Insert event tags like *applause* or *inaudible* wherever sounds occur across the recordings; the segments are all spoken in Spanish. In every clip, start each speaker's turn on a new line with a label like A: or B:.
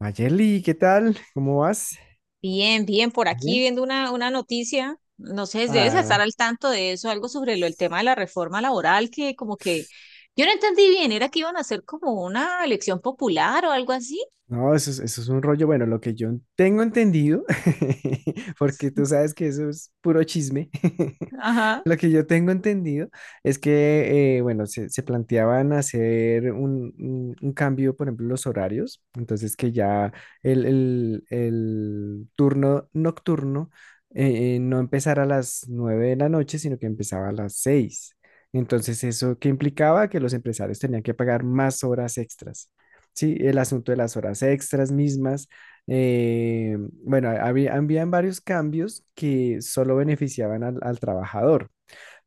A: Mayeli, ¿qué tal? ¿Cómo vas?
B: Bien, bien, por aquí
A: Bien.
B: viendo una noticia, no sé, debes estar
A: Ah,
B: al tanto de eso, algo sobre el tema de la reforma laboral, que como que yo no entendí bien, era que iban a hacer como una elección popular o algo así.
A: no, eso es un rollo. Bueno, lo que yo tengo entendido, *laughs* porque tú sabes que eso es puro chisme, *laughs*
B: Ajá.
A: lo que yo tengo entendido es que, bueno, se planteaban hacer un cambio, por ejemplo, en los horarios, entonces que ya el turno nocturno no empezara a las 9 de la noche, sino que empezaba a las seis. Entonces, ¿eso qué implicaba? Que los empresarios tenían que pagar más horas extras. Sí, el asunto de las horas extras mismas. eh, bueno, habían varios cambios que solo beneficiaban al trabajador,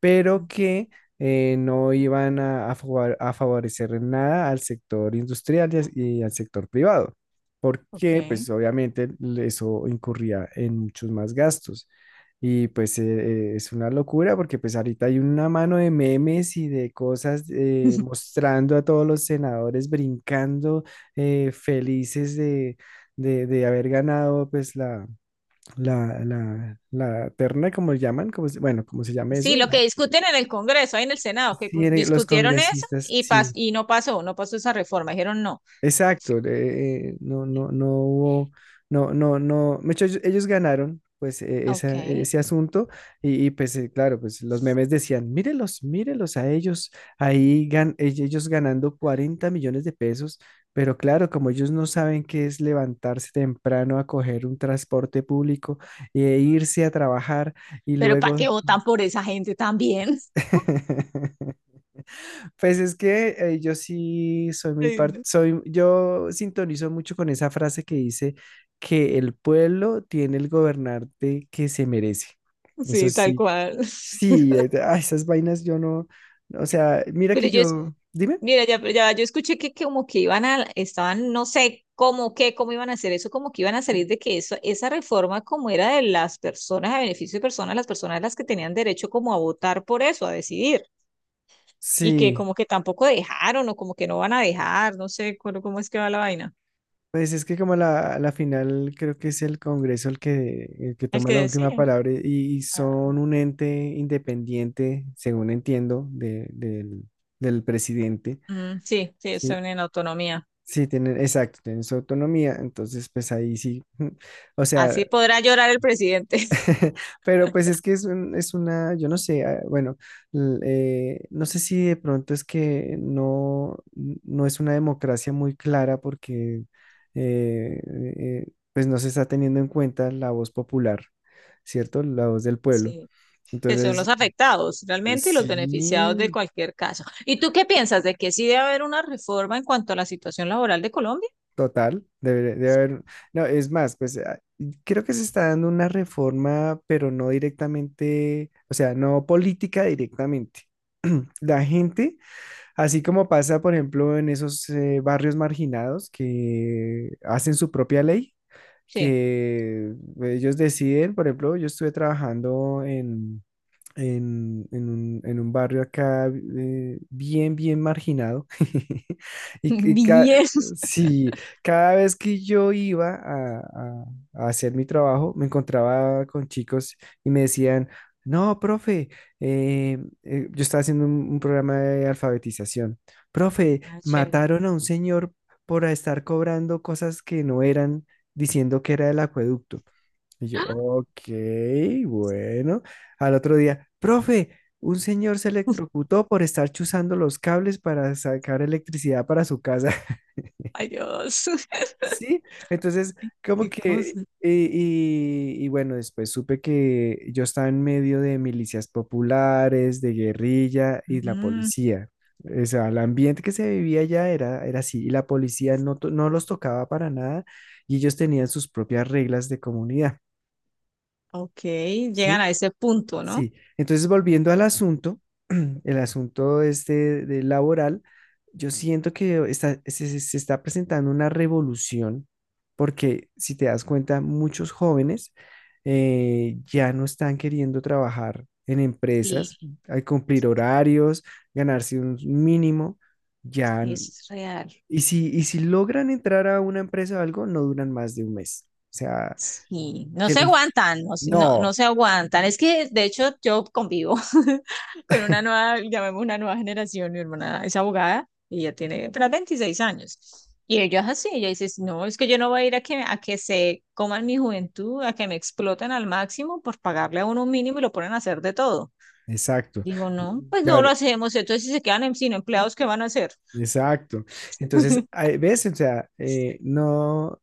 A: pero que no iban a a favorecer en nada al sector industrial y, y al sector privado, porque
B: Okay.
A: pues obviamente eso incurría en muchos más gastos. Y pues es una locura, porque pues ahorita hay una mano de memes y de cosas
B: *laughs*
A: mostrando a todos los senadores brincando, felices de, de haber ganado pues la terna, como llaman, como, bueno, como se llama
B: Sí,
A: eso.
B: lo que discuten en el Congreso, ahí en el Senado,
A: Sí, los
B: discutieron eso
A: congresistas,
B: y, pas
A: sí,
B: y no pasó, no pasó esa reforma, dijeron no.
A: exacto. No, no hubo, no. De hecho, ellos ganaron, pues,
B: Ok.
A: ese asunto. Pues, claro, pues los memes decían, mírelos, mírelos a ellos, ahí ellos ganando 40 millones de pesos, pero claro, como ellos no saben qué es levantarse temprano a coger un transporte público e irse a trabajar y
B: Pero ¿para qué
A: luego…
B: votan por esa gente también?
A: *laughs* Pues es que yo sí soy
B: *laughs* Ay, no.
A: yo sintonizo mucho con esa frase que dice que el pueblo tiene el gobernante que se merece. Eso
B: Sí, tal
A: sí,
B: cual.
A: sí,
B: *laughs*
A: esas vainas yo no, o sea, mira que
B: Pero yo,
A: yo, dime,
B: Mira, ya, pero ya, yo escuché que como que iban a, estaban, no sé cómo, qué, cómo iban a hacer eso, como que iban a salir de que eso, esa reforma como era de las personas, a beneficio de personas las que tenían derecho como a votar por eso, a decidir, y que
A: sí,
B: como que tampoco dejaron o como que no van a dejar, no sé cómo, cómo es que va la vaina.
A: pues es que como la final, creo que es el Congreso el que
B: El
A: toma
B: que
A: la última
B: decide.
A: palabra, y
B: Ah,
A: son un ente independiente, según entiendo, del del presidente.
B: mm, sí, sí, eso
A: Sí,
B: en autonomía.
A: sí, tienen, exacto, tienen su autonomía, entonces pues ahí sí, *laughs* o sea,
B: Así podrá llorar el presidente. *laughs*
A: *laughs* pero pues es que es, es una, yo no sé, ah, bueno, no sé si de pronto es que no, no es una democracia muy clara, porque eh, eh, pues no se está teniendo en cuenta la voz popular, ¿cierto? La voz del pueblo.
B: Sí. Que son los
A: Entonces,
B: afectados realmente y los beneficiados de
A: sí,
B: cualquier caso. ¿Y tú qué piensas de que sí debe haber una reforma en cuanto a la situación laboral de Colombia?
A: total, debe, debe haber. No, es más, pues ah, creo que se está dando una reforma, pero no directamente, o sea, no política directamente. *clears throat* La gente, así como pasa, por ejemplo, en esos barrios marginados que hacen su propia ley,
B: Sí.
A: que ellos deciden. Por ejemplo, yo estuve trabajando en un barrio acá, bien marginado. *laughs* Y, que
B: *laughs* Bien.
A: sí, cada vez que yo iba a hacer mi trabajo, me encontraba con chicos y me decían, no, profe, eh, yo estaba haciendo un programa de alfabetización. Profe,
B: Ah, chévere.
A: mataron a un señor por estar cobrando cosas que no eran, diciendo que era del acueducto. Y yo,
B: ¡Ah!
A: ok, bueno. Al otro día, profe, un señor se electrocutó por estar chuzando los cables para sacar electricidad para su casa. *laughs*
B: Ay, Dios. *laughs*
A: Sí, entonces, como
B: Qué
A: que,
B: cosa.
A: y, y bueno, después supe que yo estaba en medio de milicias populares, de guerrilla y la
B: Mm,
A: policía. O sea, el ambiente que se vivía allá era, era así, y la policía no, no los tocaba para nada, y ellos tenían sus propias reglas de comunidad.
B: ok, llegan
A: ¿Sí?
B: a ese punto, ¿no?
A: Sí, entonces volviendo al asunto, *clears throat* el asunto este de laboral, yo siento que se está presentando una revolución, porque si te das cuenta, muchos jóvenes ya no están queriendo trabajar en
B: Sí,
A: empresas, al cumplir horarios, ganarse un mínimo, ya,
B: sí, es real.
A: y si logran entrar a una empresa o algo, no duran más de un mes. O sea,
B: Sí, no
A: que
B: se
A: los…
B: aguantan, no, no, no
A: No,
B: se aguantan. Es que, de hecho, yo convivo *laughs* con una nueva, llamemos una nueva generación. Mi hermana es abogada y ella tiene apenas 26 años. Y ella es así, ella dice, no, es que yo no voy a ir a que se coman mi juventud, a que me exploten al máximo por pagarle a uno un mínimo y lo ponen a hacer de todo.
A: exacto.
B: Digo, no, pues
A: Ya,
B: no lo hacemos. Entonces, si se quedan sin empleados, ¿qué van a hacer?
A: exacto. Entonces,
B: *laughs* O
A: ahí, ¿ves? O sea, no,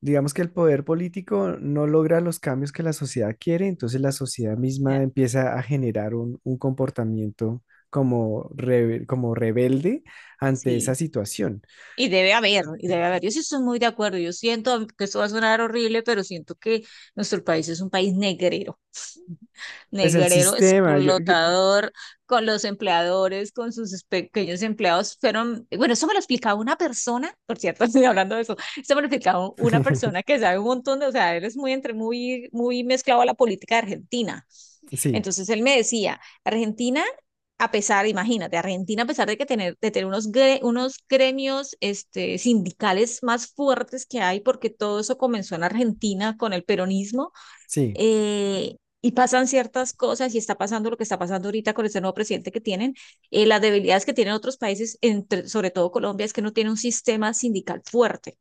A: digamos que el poder político no logra los cambios que la sociedad quiere, entonces la sociedad misma empieza a generar un comportamiento como, como rebelde ante esa
B: sí,
A: situación.
B: y debe haber, y debe haber. Yo sí estoy muy de acuerdo. Yo siento que esto va a sonar horrible, pero siento que nuestro país es un país negrero
A: Pues el
B: negrero,
A: sistema,
B: explotador con los empleadores, con sus pequeños empleados. Fueron, bueno, eso me lo explicaba una persona, por cierto, *laughs* estoy hablando de eso, eso me lo explicaba una persona
A: *laughs*
B: que sabe un montón de, o sea, él es muy, entre, muy, muy mezclado a la política de Argentina.
A: sí,
B: Entonces él me decía, Argentina a pesar, imagínate, Argentina, a pesar de que tener, de tener unos, unos gremios este, sindicales más fuertes que hay, porque todo eso comenzó en Argentina con el peronismo,
A: sí,
B: eh, y pasan ciertas cosas y está pasando lo que está pasando ahorita con este nuevo presidente que tienen, las debilidades que tienen otros países, entre, sobre todo Colombia, es que no tiene un sistema sindical fuerte.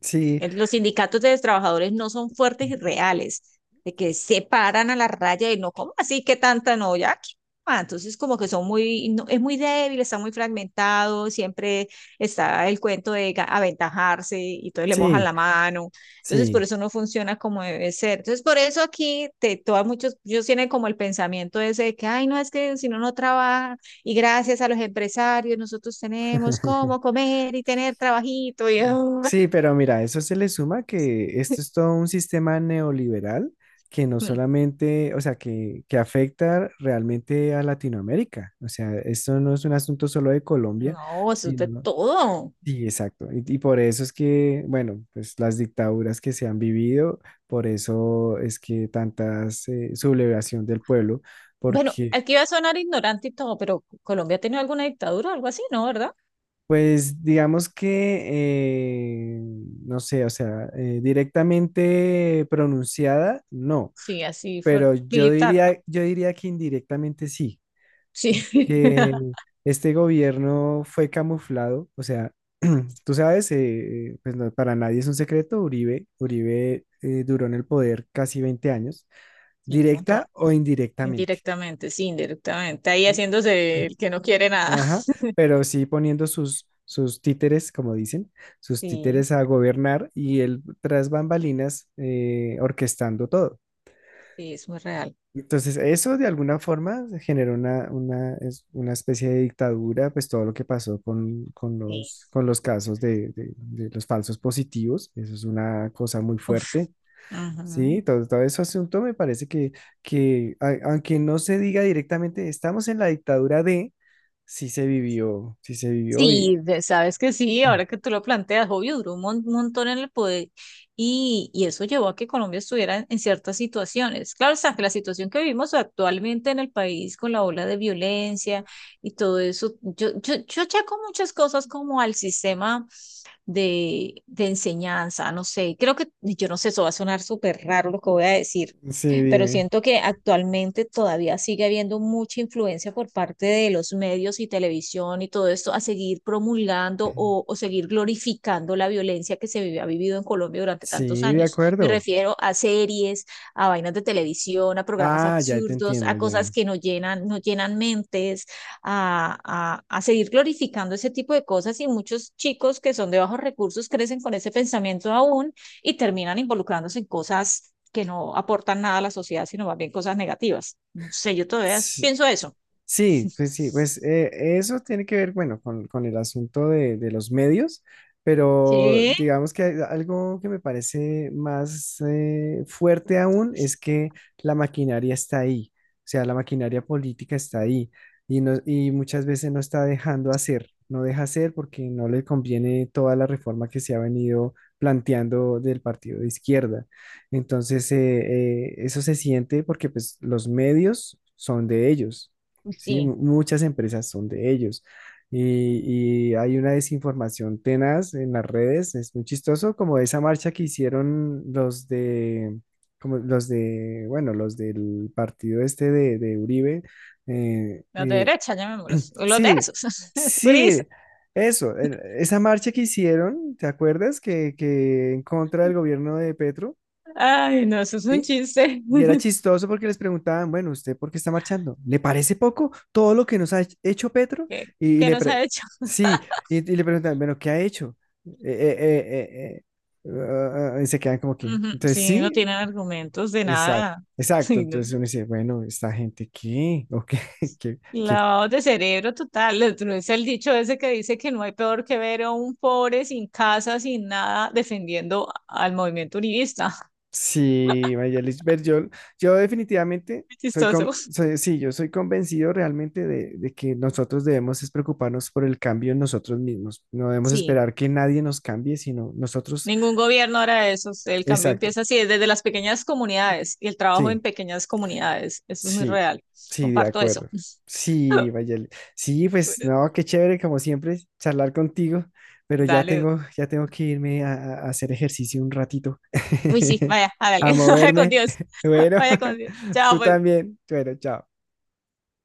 A: sí,
B: Los sindicatos de los trabajadores no son fuertes y reales, de que se paran a la raya y no, ¿cómo así que tanta no? Ya, ¿qué? Ah, entonces como que son muy, es muy débil, está muy fragmentado, siempre está el cuento de aventajarse y entonces le mojan
A: sí,
B: la mano, entonces por
A: sí.
B: eso no funciona como debe ser. Entonces por eso aquí te, todas muchos, ellos tienen como el pensamiento ese de que, ay, no, es que si no, no trabaja y gracias a los empresarios nosotros tenemos cómo
A: *laughs*
B: comer y tener trabajito y...
A: Sí, pero mira, eso se le suma que esto es
B: *laughs*
A: todo un sistema neoliberal que no solamente, o sea, que afecta realmente a Latinoamérica. O sea, esto no es un asunto solo de Colombia,
B: No, eso es de
A: sino…
B: todo.
A: Sí, exacto. Y por eso es que, bueno, pues las dictaduras que se han vivido, por eso es que tantas sublevación del pueblo,
B: Bueno,
A: porque
B: aquí va a sonar ignorante y todo, pero Colombia ha tenido alguna dictadura o algo así, ¿no? ¿Verdad?
A: pues digamos que, no sé, o sea, directamente pronunciada, no,
B: Sí, así fue
A: pero
B: militar, ¿no?
A: yo diría que indirectamente sí,
B: Sí,
A: porque
B: *laughs*
A: este gobierno fue camuflado, o sea, *clears throat* tú sabes, pues para nadie es un secreto, Uribe, Uribe duró en el poder casi 20 años,
B: sí, un montón.
A: directa o indirectamente.
B: Indirectamente, sí, indirectamente. Ahí haciéndose el que no quiere nada.
A: Ajá,
B: *laughs*
A: pero sí poniendo sus, sus títeres, como dicen, sus
B: Sí,
A: títeres a gobernar, y él tras bambalinas orquestando todo.
B: sí, es muy real.
A: Entonces, eso de alguna forma generó una especie de dictadura. Pues todo lo que pasó
B: Sí.
A: con los casos de, de los falsos positivos, eso es una cosa muy
B: Uf,
A: fuerte.
B: ujú.
A: Sí, todo, todo ese asunto me parece que aunque no se diga directamente, estamos en la dictadura de, sí se vivió y…
B: Sí, sabes que sí, ahora
A: *clears throat*
B: que tú lo planteas, obvio, duró un montón en el poder y eso llevó a que Colombia estuviera en ciertas situaciones. Claro, está que la situación que vivimos actualmente en el país con la ola de violencia y todo eso, yo achaco muchas cosas como al sistema de enseñanza, no sé, creo que, yo no sé, eso va a sonar súper raro lo que voy a decir,
A: Sí,
B: pero
A: dime.
B: siento que actualmente todavía sigue habiendo mucha influencia por parte de los medios y televisión y todo esto a seguir promulgando o,
A: *clears throat*
B: o seguir glorificando la violencia que ha vivido en Colombia durante tantos
A: Sí, de
B: años. Me
A: acuerdo.
B: refiero a series, a vainas de televisión, a programas
A: Ah, ya te
B: absurdos, a
A: entiendo,
B: cosas
A: ya.
B: que no llenan, no llenan mentes, a seguir glorificando ese tipo de cosas y muchos chicos que son de bajos recursos crecen con ese pensamiento aún y terminan involucrándose en cosas que no aportan nada a la sociedad, sino más bien cosas negativas. No sé, yo todavía
A: Sí,
B: pienso eso.
A: sí, pues sí, pues eso tiene que ver, bueno, con el asunto de los medios, pero
B: Sí,
A: digamos que hay algo que me parece más fuerte aún, es que la maquinaria está ahí, o sea, la maquinaria política está ahí, y, no, y muchas veces no está dejando hacer, no deja hacer porque no le conviene toda la reforma que se ha venido planteando del partido de izquierda. Entonces, eso se siente porque pues los medios son de ellos. Sí,
B: sí,
A: muchas empresas son de ellos. Y hay una desinformación tenaz en las redes. Es muy chistoso, como esa marcha que hicieron los de, como los de, bueno, los del partido este de Uribe. eh,
B: los de
A: eh,
B: derecha, llamémoslos, los de
A: sí,
B: esos, *laughs* es purista.
A: sí, eso, esa marcha que hicieron, ¿te acuerdas? Que en contra del gobierno de Petro,
B: Ay, no, eso es un
A: ¿sí?
B: chiste
A: Y era
B: *laughs*
A: chistoso porque les preguntaban, bueno, ¿usted por qué está marchando? ¿Le parece poco todo lo que nos ha hecho Petro?
B: que,
A: Y, y
B: que
A: le
B: nos ha
A: pre-
B: hecho.
A: sí, y le preguntaban, bueno, ¿qué ha hecho? Eh, eh, eh, eh, eh, y se quedan como
B: Uh
A: que,
B: -huh.
A: entonces
B: Sí, no
A: sí,
B: tienen argumentos de
A: exacto,
B: nada. *laughs*
A: exacto.
B: Sí, no.
A: Entonces uno dice, bueno, ¿esta gente qué? ¿O qué, *laughs* qué, qué
B: Lavado de cerebro total. Otro es el dicho ese que dice que no hay peor que ver a un pobre sin casa, sin nada, defendiendo al movimiento univista.
A: Sí, Mayelish Berjol, yo definitivamente
B: *laughs*
A: soy,
B: Chistoso.
A: sí, yo soy convencido realmente de que nosotros debemos es preocuparnos por el cambio en nosotros mismos. No debemos
B: Sí,
A: esperar que nadie nos cambie, sino nosotros.
B: ningún gobierno hará eso. El cambio
A: Exacto.
B: empieza así, desde las pequeñas comunidades y el trabajo en
A: Sí,
B: pequeñas comunidades. Eso es muy
A: sí,
B: real.
A: sí, de
B: Comparto eso.
A: acuerdo. Sí,
B: *laughs*
A: Mayelish. Sí, pues
B: Bueno,
A: no, qué chévere, como siempre, charlar contigo, pero
B: dale.
A: ya tengo que irme a hacer ejercicio un ratito,
B: Uy, sí,
A: *laughs*
B: vaya, hágale.
A: a
B: *laughs* Vaya con
A: moverme.
B: Dios.
A: *laughs* Bueno,
B: Vaya con Dios.
A: *laughs*
B: Chao,
A: tú
B: pues.
A: también. Bueno, chao.